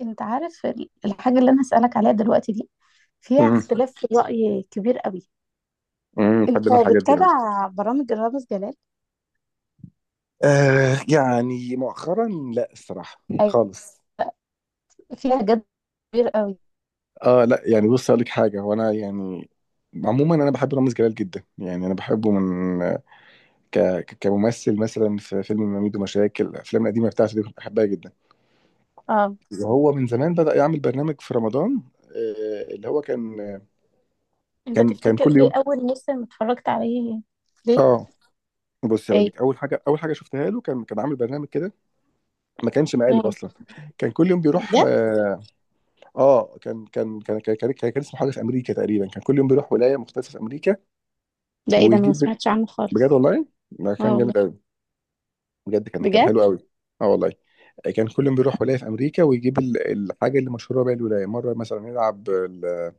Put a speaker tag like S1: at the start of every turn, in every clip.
S1: انت عارف الحاجة اللي انا هسألك عليها دلوقتي دي فيها
S2: امم
S1: اختلاف في الرأي كبير قوي. انت
S2: بحب انا الحاجات دي قوي.
S1: بتتابع برامج رامز جلال؟
S2: آه، يعني مؤخرا. لا الصراحه،
S1: أي-
S2: خالص.
S1: فيها جد كبير قوي؟
S2: اه، لا يعني بص اقول لك حاجه، هو انا يعني عموما انا بحب رامز جلال جدا، يعني انا بحبه من كممثل، مثلا في فيلم ميدو مشاكل. الافلام القديمه بتاعته دي كنت بحبها جدا.
S1: اه،
S2: وهو من زمان بدأ يعمل برنامج في رمضان. اللي هو كان
S1: انت تفتكر
S2: كل
S1: ايه
S2: يوم.
S1: اول موسم اتفرجت عليه؟ ليه؟
S2: اه، بص هقول
S1: ايه؟
S2: لك اول حاجه، شفتها له، كان عامل برنامج كده، ما كانش مقالب
S1: اه،
S2: اصلا. كان كل يوم بيروح.
S1: بجد؟
S2: آه. اه كان اسمه حاجه في امريكا تقريبا. كان كل يوم بيروح ولايه مختلفه في امريكا
S1: لا، ايه ده، انا ما
S2: ويجيب.
S1: سمعتش عنه
S2: بجد
S1: خالص.
S2: والله، ده
S1: اه
S2: كان
S1: والله؟
S2: جامد قوي. بجد كان
S1: بجد؟
S2: حلو قوي. اه والله. كان كل يوم بيروح ولايه في امريكا ويجيب الحاجه اللي مشهوره بيها الولايه. مره مثلا يلعب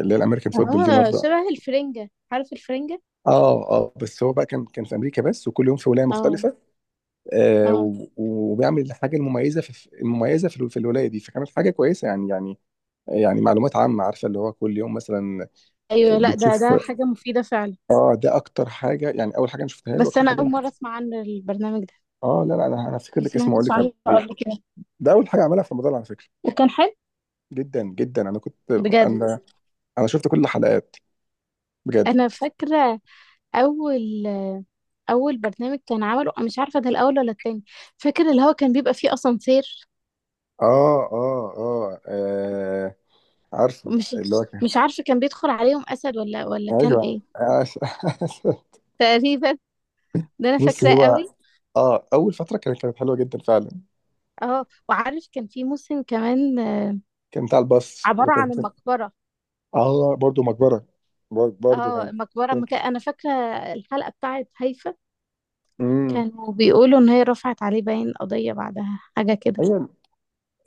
S2: اللي هي الامريكان فوتبول دي.
S1: اه،
S2: مره،
S1: شبه الفرنجة، عارف الفرنجة؟
S2: اه اه، بس هو بقى كان في امريكا بس، وكل يوم في ولايه
S1: اه
S2: مختلفه.
S1: اه.
S2: وبيعمل الحاجه المميزه في الولايه دي، فكانت حاجه كويسه يعني. يعني معلومات عامه، عارفه اللي هو كل يوم مثلا
S1: ايوه، لا ده
S2: بتشوف.
S1: ده حاجة مفيدة فعلا.
S2: اه، ده اكتر حاجه يعني، اول حاجه انا شفتها له،
S1: بس
S2: اكتر
S1: انا
S2: حاجه انا.
S1: اول مرة اسمع عن البرنامج ده،
S2: اه لا لا، انا هفتكر
S1: ما
S2: لك اسمه واقول
S1: سمعتش
S2: لك
S1: عنه
S2: عليه.
S1: قبل كده.
S2: ده اول حاجه عملها في رمضان على فكره.
S1: وكان حلو؟
S2: جدا جدا انا كنت،
S1: بجد؟
S2: انا انا شفت كل الحلقات بجد.
S1: انا فاكره اول اول برنامج كان عمله، أنا مش عارفه ده الاول ولا التاني، فاكر اللي هو كان بيبقى فيه اسانسير؟
S2: اه اه اه، آه، عارفه
S1: مش
S2: اللي هو كان.
S1: مش عارفه كان بيدخل عليهم اسد ولا ولا كان
S2: ايوه،
S1: ايه؟ تقريبا، ده انا
S2: بص
S1: فاكراه
S2: هو،
S1: قوي.
S2: اه اول فتره كانت حلوه جدا فعلا.
S1: اه، وعارف كان في موسم كمان
S2: كان بتاع الباص اللي
S1: عباره
S2: كان.
S1: عن المقبره؟
S2: اه، برضه مقبره. برضه
S1: اه
S2: كان.
S1: المقبره
S2: كان.
S1: مكان انا فاكره الحلقه بتاعت هيفا،
S2: امم.
S1: كانوا بيقولوا ان هي رفعت عليه باين قضيه بعدها حاجه كده.
S2: ايوه،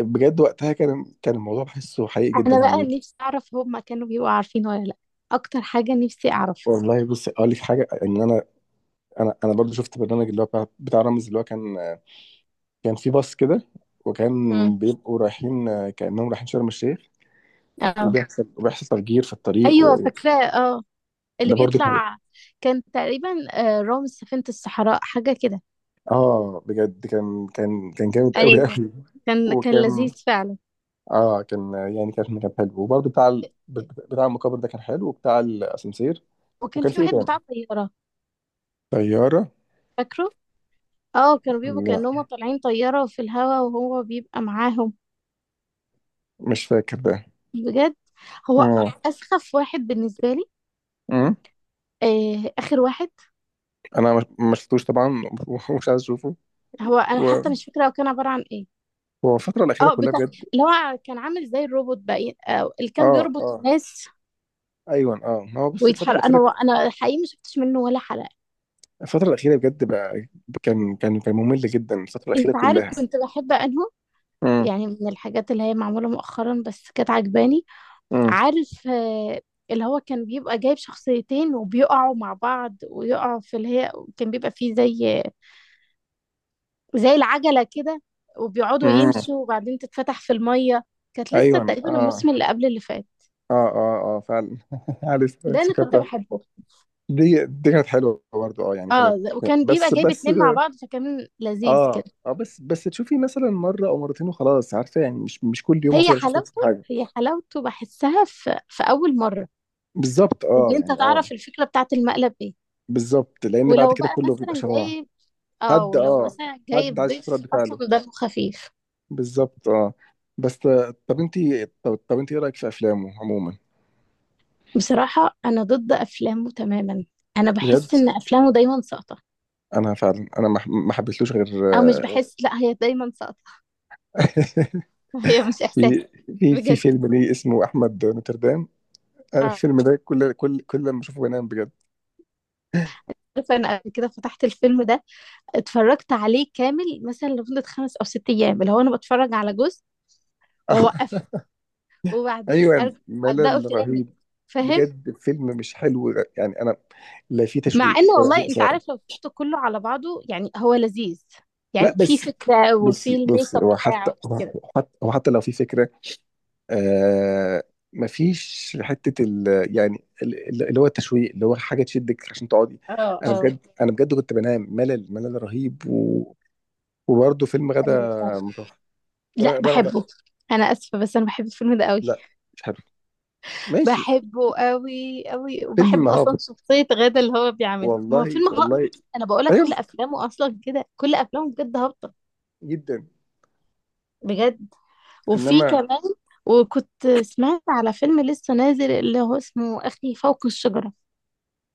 S2: بجد وقتها كان الموضوع بحسه حقيقي جدا
S1: انا
S2: يعني.
S1: بقى نفسي اعرف هما كانوا بيبقوا عارفين ولا لا، اكتر حاجه نفسي اعرفها.
S2: والله بص اقول لك حاجه، ان انا برضو شفت برنامج اللي هو بتاع رامز اللي هو كان. في باص كده، وكان بيبقوا رايحين، كانهم رايحين شرم الشيخ،
S1: اه،
S2: وبيحصل تفجير في الطريق
S1: ايوه فاكراه اه، اللي
S2: وده برضو كان.
S1: بيطلع كان تقريبا رامز سفينة الصحراء حاجة كده.
S2: اه بجد كان جامد قوي
S1: ايوه،
S2: قوي.
S1: كان كان
S2: وكان
S1: لذيذ فعلا.
S2: اه كان يعني كان كان حلو، وبرضو بتاع بتاع المقابر ده كان حلو، وبتاع الاسانسير.
S1: وكان
S2: وكان
S1: في
S2: في ايه
S1: واحد
S2: تاني؟
S1: بتاع طيارة،
S2: طياره.
S1: فاكره؟ اه، كانوا بيبقوا كأنهم
S2: لا،
S1: طالعين طيارة في الهوا وهو بيبقى معاهم.
S2: مش فاكر ده.
S1: بجد، هو
S2: امم.
S1: أسخف واحد بالنسبة لي.
S2: أمم.
S1: آه، آخر واحد.
S2: انا ما شفتوش طبعا ومش عايز اشوفه.
S1: هو أنا
S2: و-
S1: حتى مش فاكرة هو كان عبارة عن ايه.
S2: هو الفترة الأخيرة
S1: اه،
S2: كلها
S1: بتاع
S2: بجد.
S1: اللي هو كان عامل زي الروبوت بقى، آه اللي كان
S2: اه
S1: بيربط
S2: اه،
S1: الناس
S2: ايوه اه، ما هو بص، الفترة
S1: ويتحرك. انا
S2: الأخيرة،
S1: انا حقيقي ما شفتش منه ولا حلقة.
S2: الفترة الأخيرة بجد بقى، كان ممل جدا الفترة الأخيرة
S1: انت عارف
S2: كلها.
S1: كنت بحب انهم،
S2: امم
S1: يعني من الحاجات اللي هي معمولة مؤخرا بس كانت عجباني،
S2: امم
S1: عارف اللي هو كان بيبقى جايب شخصيتين وبيقعوا مع بعض ويقعوا في اللي هي، كان بيبقى فيه زي العجلة كده وبيقعدوا
S2: امم،
S1: يمشوا وبعدين تتفتح في المية. كانت لسه
S2: ايوه
S1: تقريبا
S2: اه
S1: الموسم اللي قبل اللي فات.
S2: اه اه اه، فعلا عارف
S1: ده انا كنت
S2: افتكرتها.
S1: بحبه.
S2: دي كانت حلوة برضه، اه يعني كانت.
S1: اه، وكان بيبقى
S2: بس
S1: جايب
S2: بس
S1: اتنين مع بعض فكان لذيذ
S2: اه
S1: كده.
S2: اه بس بس تشوفي مثلا مرة أو مرتين وخلاص، عارفة يعني، مش كل يوم
S1: هي
S2: هفضل أشوف نفس
S1: حلاوته،
S2: الحاجة.
S1: هي حلاوته بحسها في اول مرة،
S2: بالظبط اه،
S1: ان انت
S2: يعني اه
S1: تعرف الفكرة بتاعت المقلب ايه.
S2: بالظبط، لأن بعد
S1: ولو
S2: كده
S1: بقى
S2: كله بيبقى
S1: مثلا
S2: شبه بعض.
S1: جايب، اه
S2: حد
S1: ولو
S2: اه،
S1: مثلا
S2: حد انت
S1: جايب
S2: عايز تشوف
S1: ضيف
S2: رد فعله.
S1: اصلا دمه خفيف.
S2: بالظبط اه. بس، طب انت، طب, طب انت ايه رايك في افلامه عموما؟
S1: بصراحة انا ضد افلامه تماما. انا بحس
S2: بجد.
S1: ان افلامه دايما ساقطة.
S2: انا فعلا انا ما حبيتلوش غير
S1: او مش بحس، لا هي دايما ساقطة. هي مش احساس.
S2: في في
S1: بجد؟
S2: فيلم ليه اسمه احمد نوتردام. أنا
S1: آه،
S2: الفيلم ده كل لما اشوفه بنام بجد
S1: عارفة انا قبل كده فتحت الفيلم ده، اتفرجت عليه كامل مثلا لمدة خمس او ست ايام، اللي هو انا بتفرج على جزء واوقفه، وبعدين
S2: ايوه،
S1: ارجع ابدأه
S2: ملل
S1: تاني.
S2: رهيب.
S1: فاهم؟
S2: بجد فيلم مش حلو، يعني انا، لا في
S1: مع ان
S2: تشويق ولا في
S1: والله انت
S2: اثاره.
S1: عارف لو شفته كله على بعضه يعني هو لذيذ،
S2: لا
S1: يعني في
S2: بس،
S1: فكرة
S2: بص
S1: وفي الميك اب
S2: هو
S1: بتاعه كده.
S2: حتى لو في فكره، آه مفيش حته ال-، يعني اللي هو التشويق، اللي هو حاجه تشدك عشان تقعدي.
S1: اه
S2: انا
S1: اه.
S2: بجد، انا بجد كنت بنام، ملل رهيب و... وبرضه فيلم غدا
S1: ايوه فاهمة.
S2: متوفر.
S1: لا
S2: رغده.
S1: بحبه. انا اسفة بس انا بحب الفيلم ده قوي.
S2: لا مش حلو. ماشي.
S1: بحبه قوي قوي،
S2: فيلم
S1: وبحب اصلا
S2: هابط.
S1: شخصية غادة اللي هو بيعملها. ما هو
S2: والله
S1: فيلم هابط،
S2: والله.
S1: انا بقولك
S2: ايوه
S1: كل افلامه اصلا كده، كل افلامه بجد هابطة.
S2: جدا.
S1: بجد، وفي
S2: انما،
S1: كمان، وكنت سمعت على فيلم لسه نازل اللي هو اسمه اخي فوق الشجرة.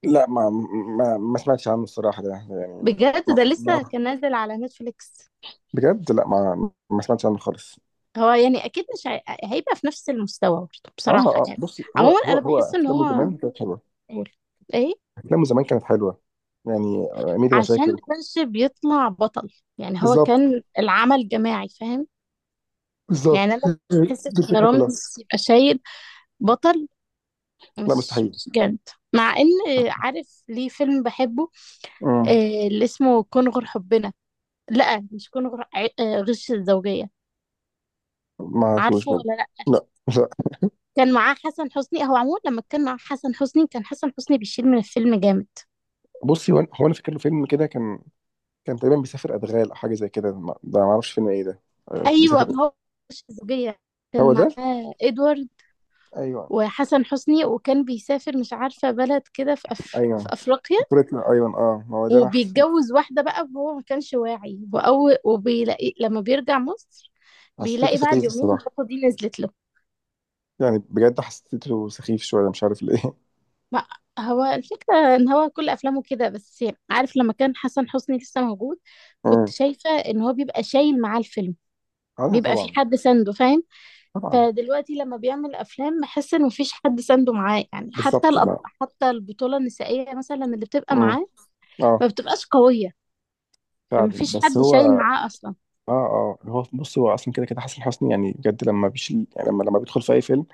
S2: لا ما سمعتش عنه الصراحه ده يعني.
S1: بجد،
S2: ما...
S1: ده
S2: ما...
S1: لسه كان نازل على نتفليكس.
S2: بجد لا، ما سمعتش عنه خالص.
S1: هو يعني اكيد مش هي... هيبقى في نفس المستوى برضه
S2: اه
S1: بصراحه
S2: اه،
S1: يعني.
S2: بصي هو
S1: عموما انا بحس ان
S2: افلامه
S1: هو،
S2: زمان كانت حلوه.
S1: قول، ايه؟
S2: افلامه زمان كانت حلوه، يعني ميدو
S1: عشان
S2: مشاكل.
S1: ما كانش بيطلع بطل، يعني هو
S2: بالظبط،
S1: كان العمل جماعي فاهم؟ يعني
S2: بالظبط
S1: انا ما
S2: دي
S1: بحسش ان
S2: الفكره كلها.
S1: رامز يبقى شايل بطل،
S2: لا
S1: مش
S2: مستحيل.
S1: مش جامد. مع ان، عارف ليه فيلم بحبه،
S2: مم.
S1: اللي اسمه كن غير حبنا، لا مش كن غير غش الزوجيه.
S2: ما اعرفوش
S1: عارفه
S2: برضه.
S1: ولا لا؟
S2: لا لا.
S1: كان معاه حسن حسني. هو عموما لما كان معاه حسن حسني كان حسن حسني بيشيل من الفيلم جامد.
S2: بصي هو، انا فاكر له فيلم كده، كان كان تقريبا بيسافر ادغال او حاجه زي كده، ده ما اعرفش فيلم ايه ده.
S1: أيوه،
S2: بيسافر.
S1: ما هو مش زوجية،
S2: هو
S1: كان
S2: ده.
S1: معاه إدوارد
S2: ايوه،
S1: وحسن حسني، وكان بيسافر مش عارفة بلد كده في
S2: ايوه،
S1: أفريقيا،
S2: بطولة. ايوه اه، ما هو ده انا
S1: وبيتجوز واحدة بقى وهو ما كانش واعي، وأول وبيلاقي لما بيرجع مصر
S2: حسيته
S1: بيلاقي بعد
S2: سخيف
S1: يومين
S2: الصراحه.
S1: البطة دي نزلت له.
S2: يعني بجد حسيته سخيف شويه، مش عارف ليه.
S1: ما هو الفكرة إن هو كل أفلامه كده، بس عارف لما كان حسن حسني لسه موجود كنت
S2: امم.
S1: شايفة إن هو بيبقى شايل معاه الفيلم،
S2: اه، لا
S1: بيبقى في
S2: طبعا
S1: حد سنده فاهم؟
S2: طبعا.
S1: فدلوقتي لما بيعمل افلام بحس ان مفيش حد سانده معاه، يعني حتى
S2: بالظبط ما.
S1: حتى البطوله النسائيه مثلا اللي بتبقى
S2: امم.
S1: معاه
S2: اه
S1: ما بتبقاش قويه،
S2: فعلا،
S1: فمفيش
S2: بس
S1: حد شايل
S2: هو
S1: معاه اصلا.
S2: اه اه، هو بص، هو اصلا كده كده. حسن حسني يعني بجد لما بيشيل، يعني لما بيدخل في اي فيلم،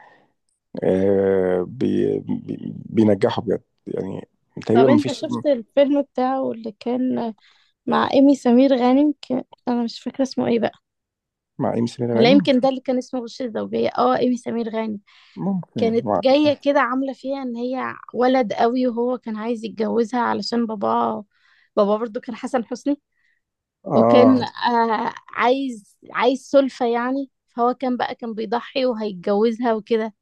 S2: آه بي بي بينجحه بجد يعني. تقريبا
S1: طب
S2: ما
S1: انت
S2: فيش.
S1: شفت الفيلم بتاعه اللي كان مع ايمي سمير غانم انا مش فاكره اسمه ايه بقى؟
S2: مع ام سمير
S1: لا
S2: غانم.
S1: يمكن ده اللي كان اسمه غش الزوجيه اه، ايمي سمير غانم
S2: ممكن
S1: كانت
S2: مع،
S1: جايه كده عامله فيها ان هي ولد قوي، وهو كان عايز يتجوزها علشان باباه، بابا برضو كان حسن حسني، وكان
S2: اه
S1: آه عايز سلفة يعني، فهو كان بقى كان بيضحي وهيتجوزها وكده.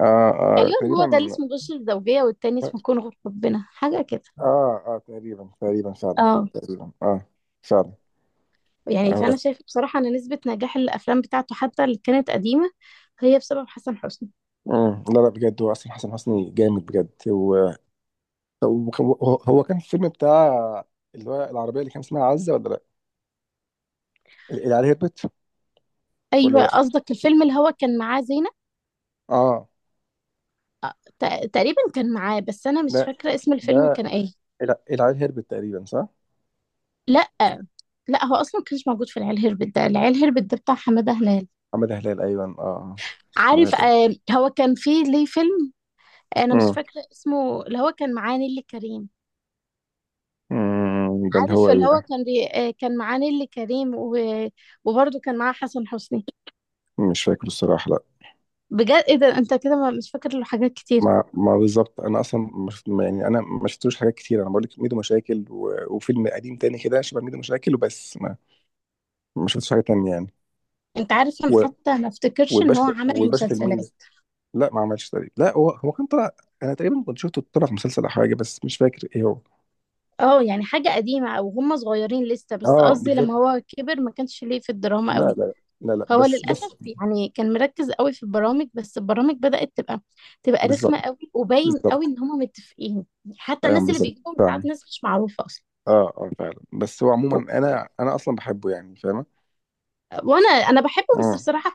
S2: اه اه
S1: تقريبا هو ده اللي
S2: تقريبا،
S1: اسمه غش الزوجية، والتاني
S2: اه
S1: اسمه كون غير حبنا حاجة كده.
S2: اه تقريبا تقريبا فعلا.
S1: اه
S2: تقريبا اه. فعلا.
S1: يعني،
S2: هو،
S1: فأنا شايفة بصراحة إن نسبة نجاح الأفلام بتاعته حتى اللي كانت قديمة هي بسبب حسن حسني.
S2: مم. لا لا، بجد، هو اصلا حسن حسني جامد بجد. هو هو كان في الفيلم بتاع، اللي هو العربيه اللي كان اسمها عزه ولا لا؟ اللي عليها هربت ولا
S1: أيوة،
S2: لا؟
S1: قصدك الفيلم اللي هو كان معاه زينب؟
S2: اه
S1: تقريبا كان معاه، بس أنا مش
S2: لا،
S1: فاكرة اسم الفيلم
S2: ده
S1: كان إيه.
S2: العيل هربت تقريبا صح؟
S1: لا لا، هو أصلا كانش موجود في العيال هربت، ده العيال هربت ده بتاع حمادة هلال.
S2: حماده هلال، ايوه اه، آه. حماده
S1: عارف
S2: هلال.
S1: آه هو كان فيه ليه فيلم، انا مش
S2: مم.
S1: فاكره اسمه، اللي هو كان معاه نيللي كريم.
S2: مم. ده اللي هو
S1: عارف اللي
S2: ايه
S1: هو
S2: ده؟
S1: كان بي... آه، كان معاه نيللي كريم و... وبرضه كان معاه حسن حسني.
S2: مش فاكر الصراحه لا.
S1: بجد، ايه ده، انت كده مش فاكر له حاجات كتير.
S2: ما ما بالظبط، انا اصلا مش يعني انا ما شفتوش حاجات كتير. انا بقول لك ميدو مشاكل وفيلم قديم تاني كده شبه ميدو مشاكل وبس، ما شفتش حاجه تانية يعني.
S1: انت عارف انا
S2: و...
S1: حتى ما افتكرش ان هو عمل
S2: والباشا
S1: مسلسلات.
S2: تلميذ. لا ما عملش تقريبا، لا. هو كان طلع، انا تقريبا كنت شفته طلع في مسلسل او حاجه، بس مش فاكر ايه هو.
S1: اه، يعني حاجه قديمه او هم صغيرين لسه، بس
S2: اه
S1: قصدي
S2: بالظبط.
S1: لما هو كبر ما كانش ليه في الدراما
S2: لا
S1: قوي.
S2: لا لا لا.
S1: هو للاسف
S2: بس
S1: يعني كان مركز قوي في البرامج، بس البرامج بدات تبقى تبقى رخمه
S2: بالظبط
S1: قوي، وباين قوي
S2: بالظبط.
S1: ان هم متفقين. حتى
S2: ايوه
S1: الناس اللي
S2: بالظبط
S1: بيجيبهم ساعات
S2: فعلا.
S1: ناس مش معروفه اصلا.
S2: اه اه فعلا، بس هو عموما انا اصلا بحبه يعني فاهمه.
S1: وانا بحبه بس
S2: اه
S1: بصراحه،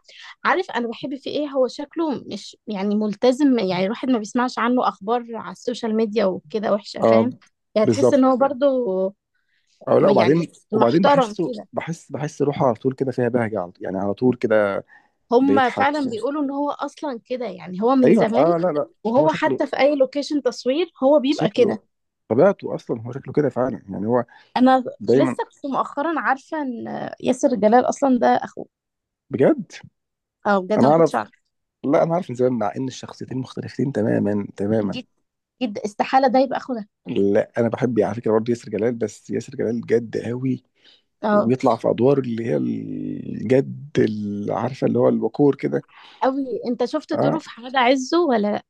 S1: عارف انا بحب في ايه، هو شكله مش يعني ملتزم، يعني الواحد ما بيسمعش عنه اخبار على السوشيال ميديا وكده وحشه
S2: اه
S1: فاهم؟ يعني تحس ان
S2: بالظبط
S1: هو
S2: كده.
S1: برضو،
S2: اه لا،
S1: يعني
S2: وبعدين
S1: محترم كده.
S2: بحس روحه على طول كده، فيها بهجه على طول، يعني على طول كده.
S1: هم
S2: بيضحك،
S1: فعلا بيقولوا ان هو اصلا كده يعني، هو من
S2: ايوه
S1: زمان،
S2: اه. لا لا، هو
S1: وهو
S2: شكله،
S1: حتى في اي لوكيشن تصوير هو بيبقى
S2: شكله
S1: كده.
S2: طبيعته اصلا، هو شكله كده فعلا يعني، هو
S1: انا
S2: دايما.
S1: لسه كنت مؤخرا عارفه ان ياسر جلال اصلا ده اخوه.
S2: بجد،
S1: اه بجد، أنا
S2: انا
S1: ما كنتش
S2: اعرف.
S1: عارفه.
S2: لا، انا عارف من زمان، مع ان الشخصيتين مختلفتين تماما تماما.
S1: جد؟ جد استحاله ده يبقى اخوه ده.
S2: لا، انا بحب على فكره برضه ياسر جلال، بس ياسر جلال جد قوي،
S1: اه
S2: وبيطلع في ادوار اللي هي الجد، اللي عارفه اللي هو الوقور كده.
S1: قوي، انت شفت دوره
S2: اه
S1: في حاجه عزه ولا؟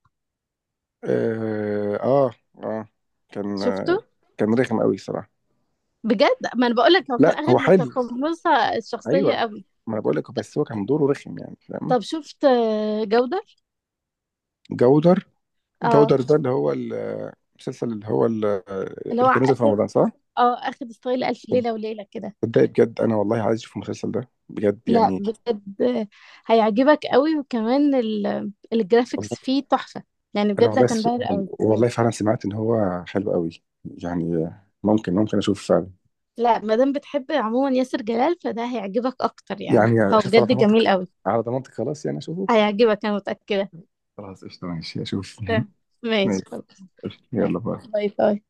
S2: اه اه، آه. كان
S1: شفته؟
S2: آه، كان رخم قوي الصراحه.
S1: بجد، ما انا بقول لك هو كان
S2: لا هو
S1: اخد
S2: حلو،
S1: متقمصه الشخصيه
S2: ايوه.
S1: قوي.
S2: ما انا بقول لك، بس هو كان دوره رخم يعني، فاهم.
S1: طب شفت جودر؟
S2: جودر.
S1: اه،
S2: ده اللي هو المسلسل اللي هو
S1: اللي هو
S2: اللي كان نزل في
S1: اخد،
S2: رمضان صح؟
S1: اه اخد ستايل الف ليله وليله كده.
S2: صدقني بجد، انا والله عايز اشوف المسلسل ده بجد
S1: لا
S2: يعني.
S1: بجد هيعجبك قوي، وكمان الجرافيكس
S2: والله.
S1: فيه تحفه، يعني
S2: انا
S1: بجد
S2: والله
S1: هتنبهر قوي.
S2: والله فعلا سمعت ان هو حلو قوي. يعني ممكن، اشوف.
S1: لا، ما دام بتحب عموما ياسر جلال فده هيعجبك اكتر يعني.
S2: يعني
S1: هو
S2: اشوف على
S1: بجد جميل
S2: ضمانتك.
S1: قوي.
S2: على ضمانتك خلاص، يعني اشوفه.
S1: هيعجبك، انا متاكده.
S2: خلاص قشطة، ماشي أشوف
S1: تمام. ماشي
S2: ماشي.
S1: خلاص.
S2: قشطة،
S1: يلا.
S2: يلا باي.
S1: باي باي.